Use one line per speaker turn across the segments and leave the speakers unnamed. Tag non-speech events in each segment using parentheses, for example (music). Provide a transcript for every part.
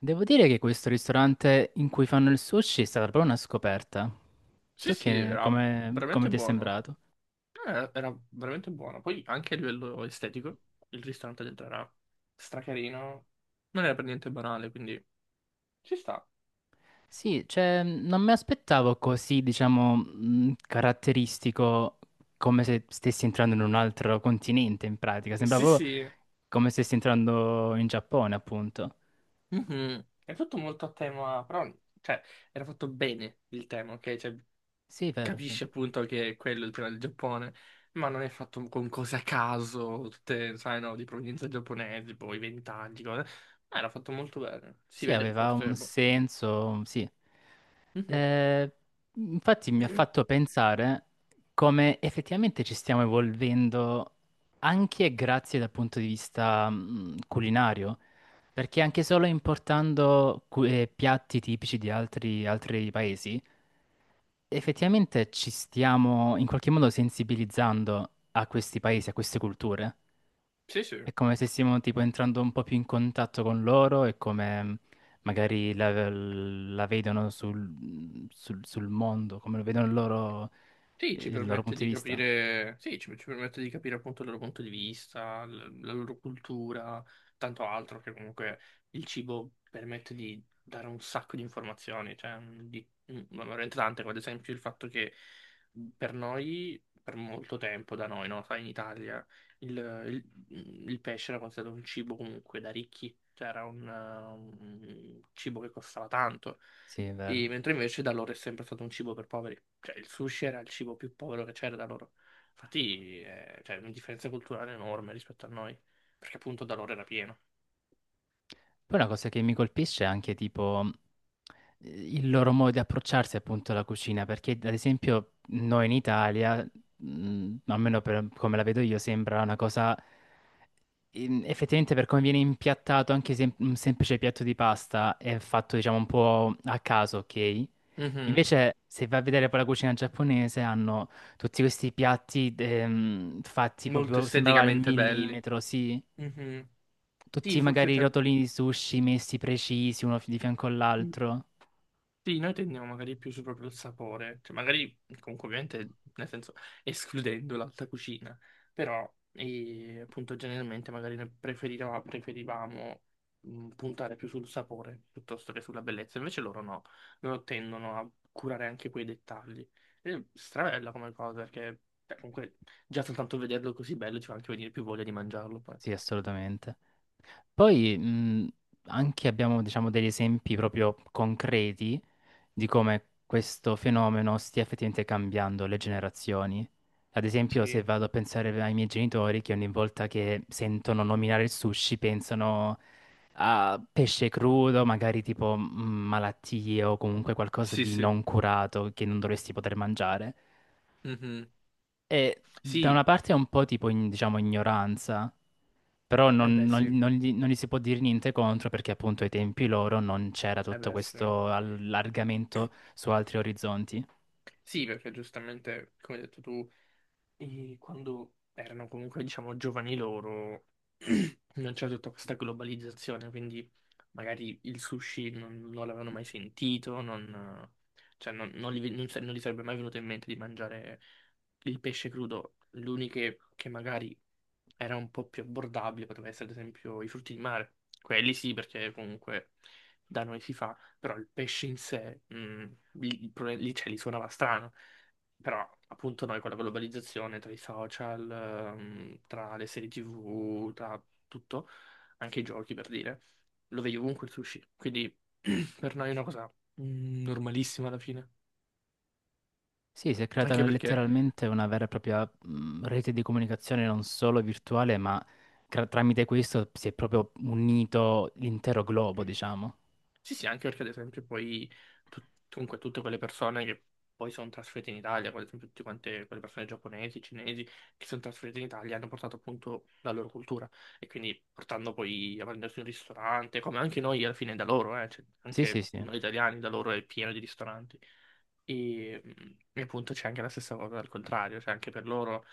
Devo dire che questo ristorante in cui fanno il sushi è stata proprio una scoperta.
Sì,
Tu
sì, era
come
veramente
ti è
buono.
sembrato?
Era veramente buono. Poi anche a livello estetico, il ristorante dentro era stracarino. Non era per niente banale, quindi ci sta.
Sì, cioè, non mi aspettavo così, diciamo, caratteristico come se stessi entrando in un altro continente, in pratica. Sembrava
Sì,
proprio
sì.
come se stessi entrando in Giappone, appunto.
Mhm. È tutto molto a tema, però, cioè, era fatto bene il tema, ok? Cioè,
Sì, vero, sì.
capisci appunto che quello è il tema del Giappone, ma non è fatto con cose a caso, tutte, sai, no, di provenienza giapponese, poi ventaggi, cose. Ma era fatto molto bene. Si
Sì,
vede che
aveva un
forse, boh.
senso, sì.
Mhm.
Eh, Infatti mi ha fatto
(clears throat)
pensare come effettivamente ci stiamo evolvendo anche grazie dal punto di vista culinario, perché anche solo importando piatti tipici di altri paesi, effettivamente ci stiamo in qualche modo sensibilizzando a questi paesi, a queste culture.
Sì, sì.
È come se stiamo tipo entrando un po' più in contatto con loro e come magari la vedono sul mondo, come lo vedono loro,
Sì, ci
il loro
permette
punto
di
di vista.
capire, sì, ci permette di capire appunto il loro punto di vista, la loro cultura, tanto altro che comunque il cibo permette di dare un sacco di informazioni, cioè di, ma veramente tante, come ad esempio il fatto che per noi, per molto tempo da noi, no? Sai, in Italia il, il- il pesce era considerato un cibo comunque da ricchi, cioè era un cibo che costava tanto.
Sì, è
E-
vero.
mentre invece da loro è sempre stato un cibo per poveri. Cioè, il sushi era il cibo più povero che c'era da loro. Infatti, c'è una differenza culturale enorme rispetto a noi, perché appunto da loro era pieno.
Poi una cosa che mi colpisce è anche tipo il loro modo di approcciarsi appunto alla cucina, perché ad esempio noi in Italia, almeno per come la vedo io, sembra una cosa effettivamente per come viene impiattato anche un semplice piatto di pasta è fatto diciamo un po' a caso, ok?
Mhm.
Invece se vai a vedere poi la cucina giapponese hanno tutti questi piatti fatti
Molto
proprio, sembrava al
esteticamente belli.
millimetro, sì.
Mhm. Sì,
Tutti
forse
magari i
c'è.
rotolini di sushi messi precisi uno di fianco all'altro.
Sì, noi tendiamo magari più su proprio il sapore, cioè magari comunque ovviamente nel senso escludendo l'alta cucina, però appunto generalmente magari noi preferivamo puntare più sul sapore piuttosto che sulla bellezza, invece loro no, loro tendono a curare anche quei dettagli. Ed è strabella come cosa, perché cioè, comunque già soltanto vederlo così bello ci fa anche venire più voglia di mangiarlo poi.
Sì, assolutamente. Poi anche abbiamo, diciamo, degli esempi proprio concreti di come questo fenomeno stia effettivamente cambiando le generazioni. Ad esempio, se
Sì,
vado a pensare ai miei genitori che ogni volta che sentono nominare il sushi pensano a pesce crudo, magari tipo malattie o comunque qualcosa
sì,
di
sì.
non curato che non dovresti poter mangiare.
Mhm.
E da una
Sì,
parte è un po' tipo, diciamo, ignoranza, però
eh beh sì, eh
non gli si può dire niente contro perché appunto ai tempi loro non c'era tutto
beh sì.
questo allargamento su altri orizzonti.
Sì, perché giustamente, come hai detto tu, e quando erano comunque, diciamo, giovani loro, (clears throat) non c'era tutta questa globalizzazione, quindi magari il sushi non l'avevano mai sentito, non, cioè non gli sarebbe mai venuto in mente di mangiare il pesce crudo. L'unica che magari era un po' più abbordabile poteva essere, ad esempio, i frutti di mare. Quelli sì, perché comunque da noi si fa, però il pesce in sé, lì, il pro- lì, cioè, lì suonava strano, però appunto noi con la globalizzazione tra i social, tra le serie TV, tra tutto, anche i giochi per dire, lo vedi ovunque il sushi, quindi (clears throat) per noi è una cosa normalissima alla fine,
Sì, si è creata
anche perché...
letteralmente una vera e propria rete di comunicazione non solo virtuale, ma tramite questo si è proprio unito l'intero globo, diciamo.
Sì, sì, anche perché ad esempio poi comunque tutte quelle persone che poi sono trasferite in Italia, come ad esempio tutte quante quelle persone giapponesi, cinesi, che sono trasferite in Italia, hanno portato appunto la loro cultura e quindi portando poi a prendersi un ristorante, come anche noi alla fine da loro, cioè,
Sì, sì,
anche
sì.
noi italiani da loro è pieno di ristoranti. E, mm, e appunto c'è anche la stessa cosa al contrario, cioè anche per loro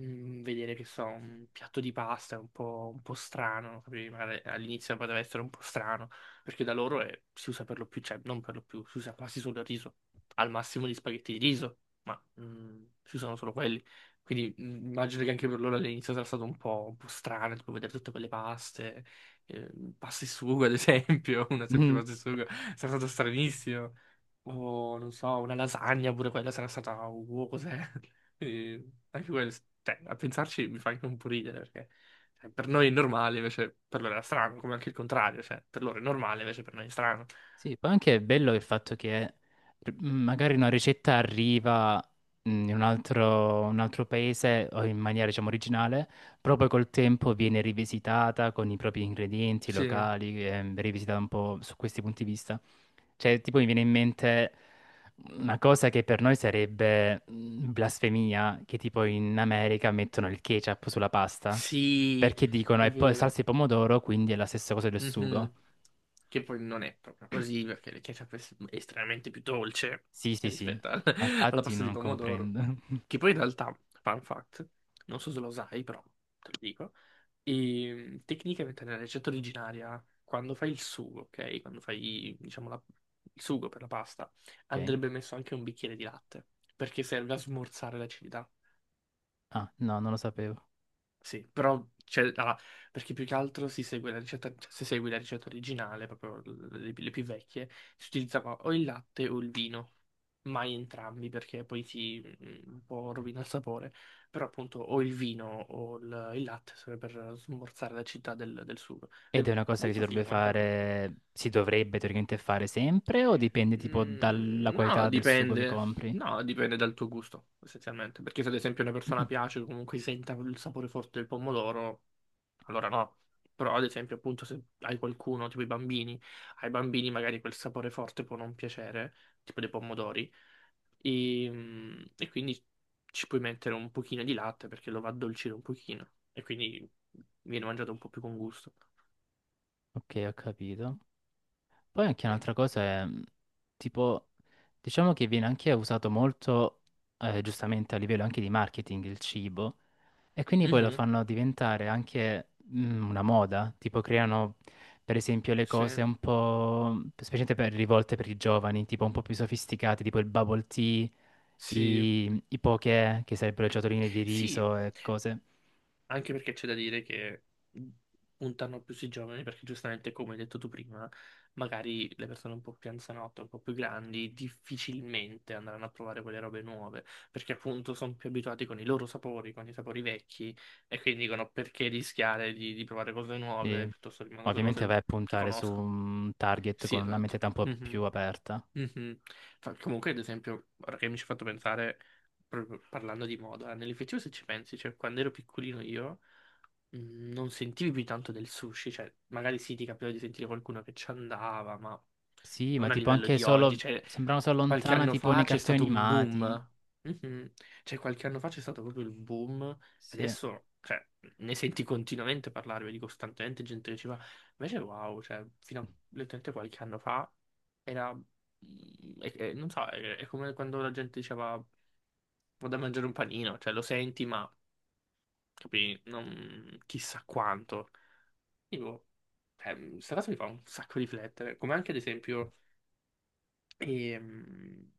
vedere, che so, un piatto di pasta un po' strano, capivi? Magari all'inizio poteva essere un po' strano, perché da loro si usa per lo più, cioè non per lo più, si usa quasi solo il riso, al massimo gli spaghetti di riso, ma si usano solo quelli. Quindi immagino che anche per loro all'inizio sarà stato un po' strano, tipo vedere tutte quelle paste, eh, pasta e sugo ad esempio, (laughs) una semplice pasta e
(laughs)
sugo, sarà stato stranissimo. O non so, una lasagna pure quella sarà stata, wow, cos'è? Quindi anche quello, cioè, a pensarci mi fa anche un po' ridere, perché cioè, per noi è normale, invece per loro era strano, come anche il contrario, cioè, per loro è normale, invece per noi è strano.
Sì, poi anche è bello il fatto che magari una ricetta arriva in un un altro paese o in maniera, diciamo, originale, proprio col tempo viene rivisitata con i propri ingredienti
Sì,
locali, rivisitata un po' su questi punti di vista. Cioè, tipo mi viene in mente una cosa che per noi sarebbe blasfemia, che tipo in America mettono il ketchup sulla pasta,
sì,
perché dicono
è
è
vero.
salsa di pomodoro, quindi è la stessa cosa del sugo.
Mhm. Che poi non è proprio così, perché il ketchup è estremamente più dolce
Sì, sì, sì,
rispetto
ma
(laughs) alla
infatti
pasta di
non
pomodoro.
comprendo.
Che
(laughs)
poi in realtà, fun fact, non so se lo sai, però te lo dico, e tecnicamente nella ricetta originaria, quando fai il sugo, ok? Quando fai, diciamo, il sugo per la pasta,
Ok.
andrebbe messo anche un bicchiere di latte, perché serve a smorzare l'acidità.
Ah, no, non lo sapevo.
Sì, però cioè, allora, perché più che altro si segue la ricetta, cioè, se segui la ricetta originale, proprio le più vecchie, si utilizzava o il latte o il vino, mai entrambi perché poi si un po' rovina il sapore, però appunto o il vino o il latte serve per smorzare l'acidità del sugo. Ed
Ed
è
è una cosa che si
molto figo
dovrebbe
come cosa.
fare, si dovrebbe teoricamente fare sempre o dipende tipo dalla
Mm, no,
qualità del sugo che
dipende.
compri?
No, dipende dal tuo gusto, essenzialmente. Perché se ad esempio una persona
(clears throat)
piace o comunque senta il sapore forte del pomodoro, allora no, però ad esempio appunto se hai qualcuno, tipo i bambini, ai bambini magari quel sapore forte può non piacere, tipo dei pomodori, e quindi ci puoi mettere un pochino di latte perché lo va a addolcire un pochino e quindi viene mangiato un po' più con gusto.
Ok, ho capito. Poi anche un'altra cosa è, tipo, diciamo che viene anche usato molto, giustamente a livello anche di marketing, il cibo. E quindi poi lo
Mhm,
fanno diventare anche una moda, tipo creano per esempio le
sì.
cose un po', specialmente per rivolte per i giovani, tipo un po' più sofisticate, tipo il bubble tea,
Sì,
i poké, che sarebbero ciotoline di
sì,
riso e cose.
anche perché c'è da dire che puntano più sui giovani, perché giustamente, come hai detto tu prima, magari le persone un po' più anzianotte, un po' più grandi, difficilmente andranno a provare quelle robe nuove, perché appunto sono più abituati con i loro sapori, con i sapori vecchi, e quindi dicono perché rischiare di provare cose nuove,
E
piuttosto rimango sulle
ovviamente
cose
vai a
che
puntare su
conosco.
un target
Sì,
con una
esatto.
mentalità un po' più
Mhm,
aperta.
mhm. Comunque, ad esempio, ora che mi ci hai fatto pensare, proprio parlando di moda, nell'effettivo se ci pensi, cioè quando ero piccolino io. Non sentivi più tanto del sushi, cioè magari sì ti capitava di sentire qualcuno che ci andava, ma
Sì, ma
non a
tipo
livello
anche
di oggi,
solo,
cioè
sembrano solo
qualche
lontana,
anno
tipo nei
fa c'è
cartoni
stato un
animati.
boom. Mhm. Cioè qualche anno fa c'è stato proprio il boom,
Sì.
adesso cioè, ne senti continuamente parlare, vedi costantemente gente che ci va, invece wow, cioè fino a letteralmente qualche anno fa era, non so, è come quando la gente diceva vado a mangiare un panino, cioè lo senti ma capì, non chissà quanto. Tipo, cioè, questa cosa mi fa un sacco riflettere, come anche ad esempio ehm,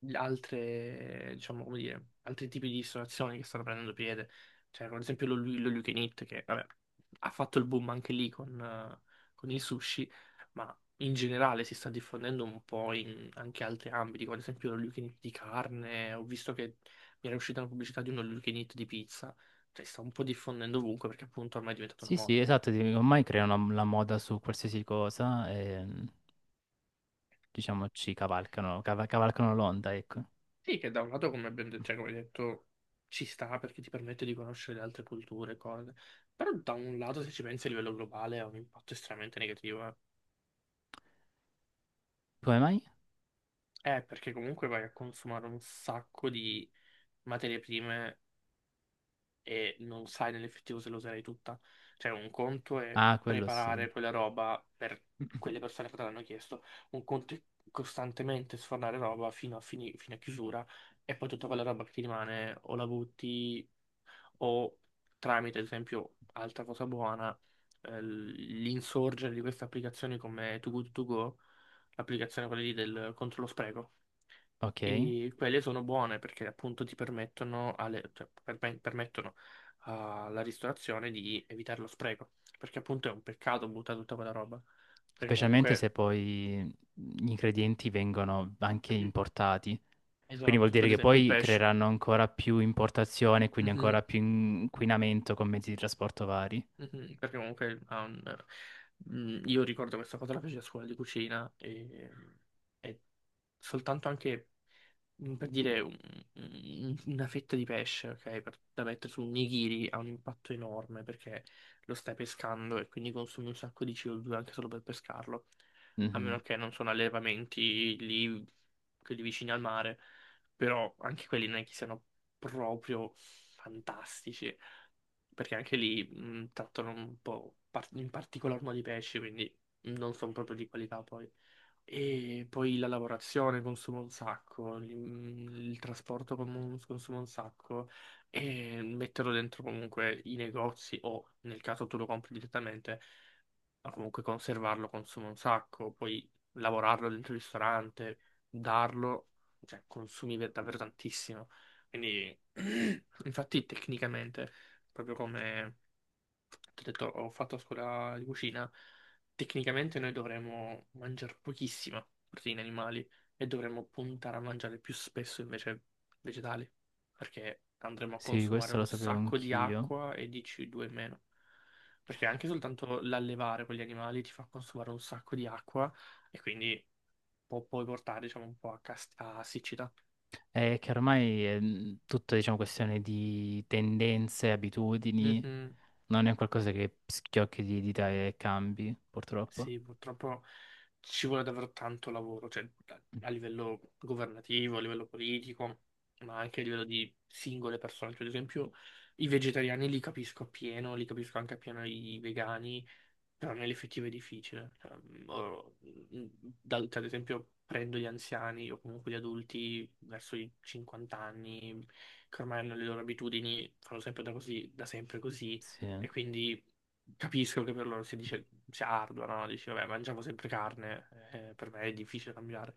le altre, diciamo, come dire, altri tipi di ristorazioni che stanno prendendo piede, cioè come ad esempio lo You Can Eat, che vabbè, ha fatto il boom anche lì con il sushi, ma in generale si sta diffondendo un po' in anche altri ambiti, come ad esempio lo You Can Eat di carne, ho visto che mi era uscita una pubblicità di uno You Can Eat di pizza, cioè si sta un po' diffondendo ovunque perché appunto ormai è diventato una
Sì, sì,
moda.
esatto, sì, ormai creano la moda su qualsiasi cosa e diciamo ci cavalcano l'onda, ecco.
Sì, che da un lato, come ben detto, cioè, come hai detto, ci sta perché ti permette di conoscere le altre culture, cose. Però da un lato, se ci pensi a livello globale, ha un impatto estremamente negativo. Eh,
Come mai?
Eh, perché comunque vai a consumare un sacco di materie prime e non sai nell'effettivo se lo userai tutta. Cioè, un conto è
Ah, quello sì,
preparare quella roba per quelle persone che te l'hanno chiesto, un conto è costantemente sfornare roba fino a chiusura e poi tutta quella roba che ti rimane o la butti o tramite, ad esempio, altra cosa buona, l'insorgere di queste applicazioni come Too Good To Go, l'applicazione quella lì del contro lo spreco.
ok.
E quelle sono buone perché appunto ti permettono, cioè, permettono alla ristorazione di evitare lo spreco. Perché appunto è un peccato buttare tutta quella roba. Perché
Specialmente se
comunque,
poi gli ingredienti vengono anche importati. Quindi vuol
esatto, tipo
dire
ad
che
esempio il
poi
pesce.
creeranno ancora più importazione, quindi ancora
Mhm.
più inquinamento con mezzi di trasporto vari.
Mhm, Perché comunque io ricordo questa cosa la feci a scuola di cucina e soltanto anche per dire una fetta di pesce, ok, da mettere su un nigiri ha un impatto enorme perché lo stai pescando e quindi consumi un sacco di CO2 anche solo per pescarlo, a meno
Mhm.
che non sono allevamenti lì, quelli vicini al mare, però anche quelli non è che siano proprio fantastici perché anche lì trattano un po' in particolar modo i pesci, quindi non sono proprio di qualità poi. E poi la lavorazione consuma un sacco, il trasporto consuma un sacco, e metterlo dentro comunque i negozi o nel caso tu lo compri direttamente, ma comunque conservarlo consuma un sacco, poi lavorarlo dentro il ristorante, darlo, cioè consumi davvero tantissimo. Quindi, (clears throat) infatti, tecnicamente, proprio come ti ho detto, ho fatto a scuola di cucina. Tecnicamente noi dovremmo mangiare pochissima proteine animali e dovremmo puntare a mangiare più spesso invece vegetali, perché andremo a
Sì,
consumare
questo lo
un
sapevo
sacco di
anch'io.
acqua e di CO2 in meno. Perché anche soltanto l'allevare con gli animali ti fa consumare un sacco di acqua e quindi può poi portare, diciamo, un po' a siccità.
È che ormai è tutta, diciamo, questione di tendenze, abitudini.
Mhm.
Non è qualcosa che schiocchi di dita e cambi, purtroppo.
Sì, purtroppo ci vuole davvero tanto lavoro, cioè a livello governativo, a livello politico, ma anche a livello di singole persone. Cioè, ad esempio, i vegetariani li capisco appieno, li capisco anche appieno i vegani, però nell'effettivo è difficile. Cioè, ad esempio, prendo gli anziani o comunque gli adulti verso i 50 anni, che ormai hanno le loro abitudini, fanno sempre da così, da sempre così,
Sì,
e quindi capisco che per loro si dice, sia ardua, no? Dici, vabbè, mangiamo sempre carne, per me è difficile cambiare.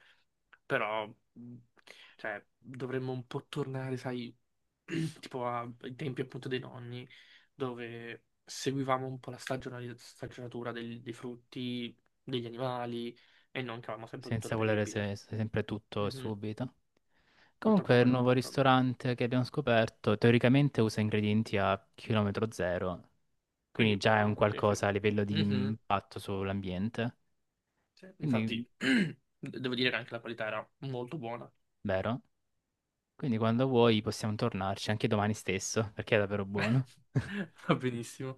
Però, mh, cioè, dovremmo un po' tornare, sai, (clears throat) tipo ai tempi appunto dei nonni, dove seguivamo un po' la stagionatura dei frutti, degli animali, e non che avevamo sempre tutto
senza volere
reperibile.
sempre tutto e
Mhm.
subito.
Purtroppo
Comunque, il
quello è un
nuovo
po' un problema.
ristorante che abbiamo scoperto teoricamente usa ingredienti a chilometro zero, quindi
Quindi
già è un
buono, sì, sì.
qualcosa a livello di
Mhm.
impatto sull'ambiente.
Sì,
Quindi,
infatti, (clears throat) devo dire che anche la qualità era molto buona.
vero? Quindi quando vuoi possiamo tornarci anche domani stesso, perché è davvero buono.
(laughs)
(laughs)
Va benissimo.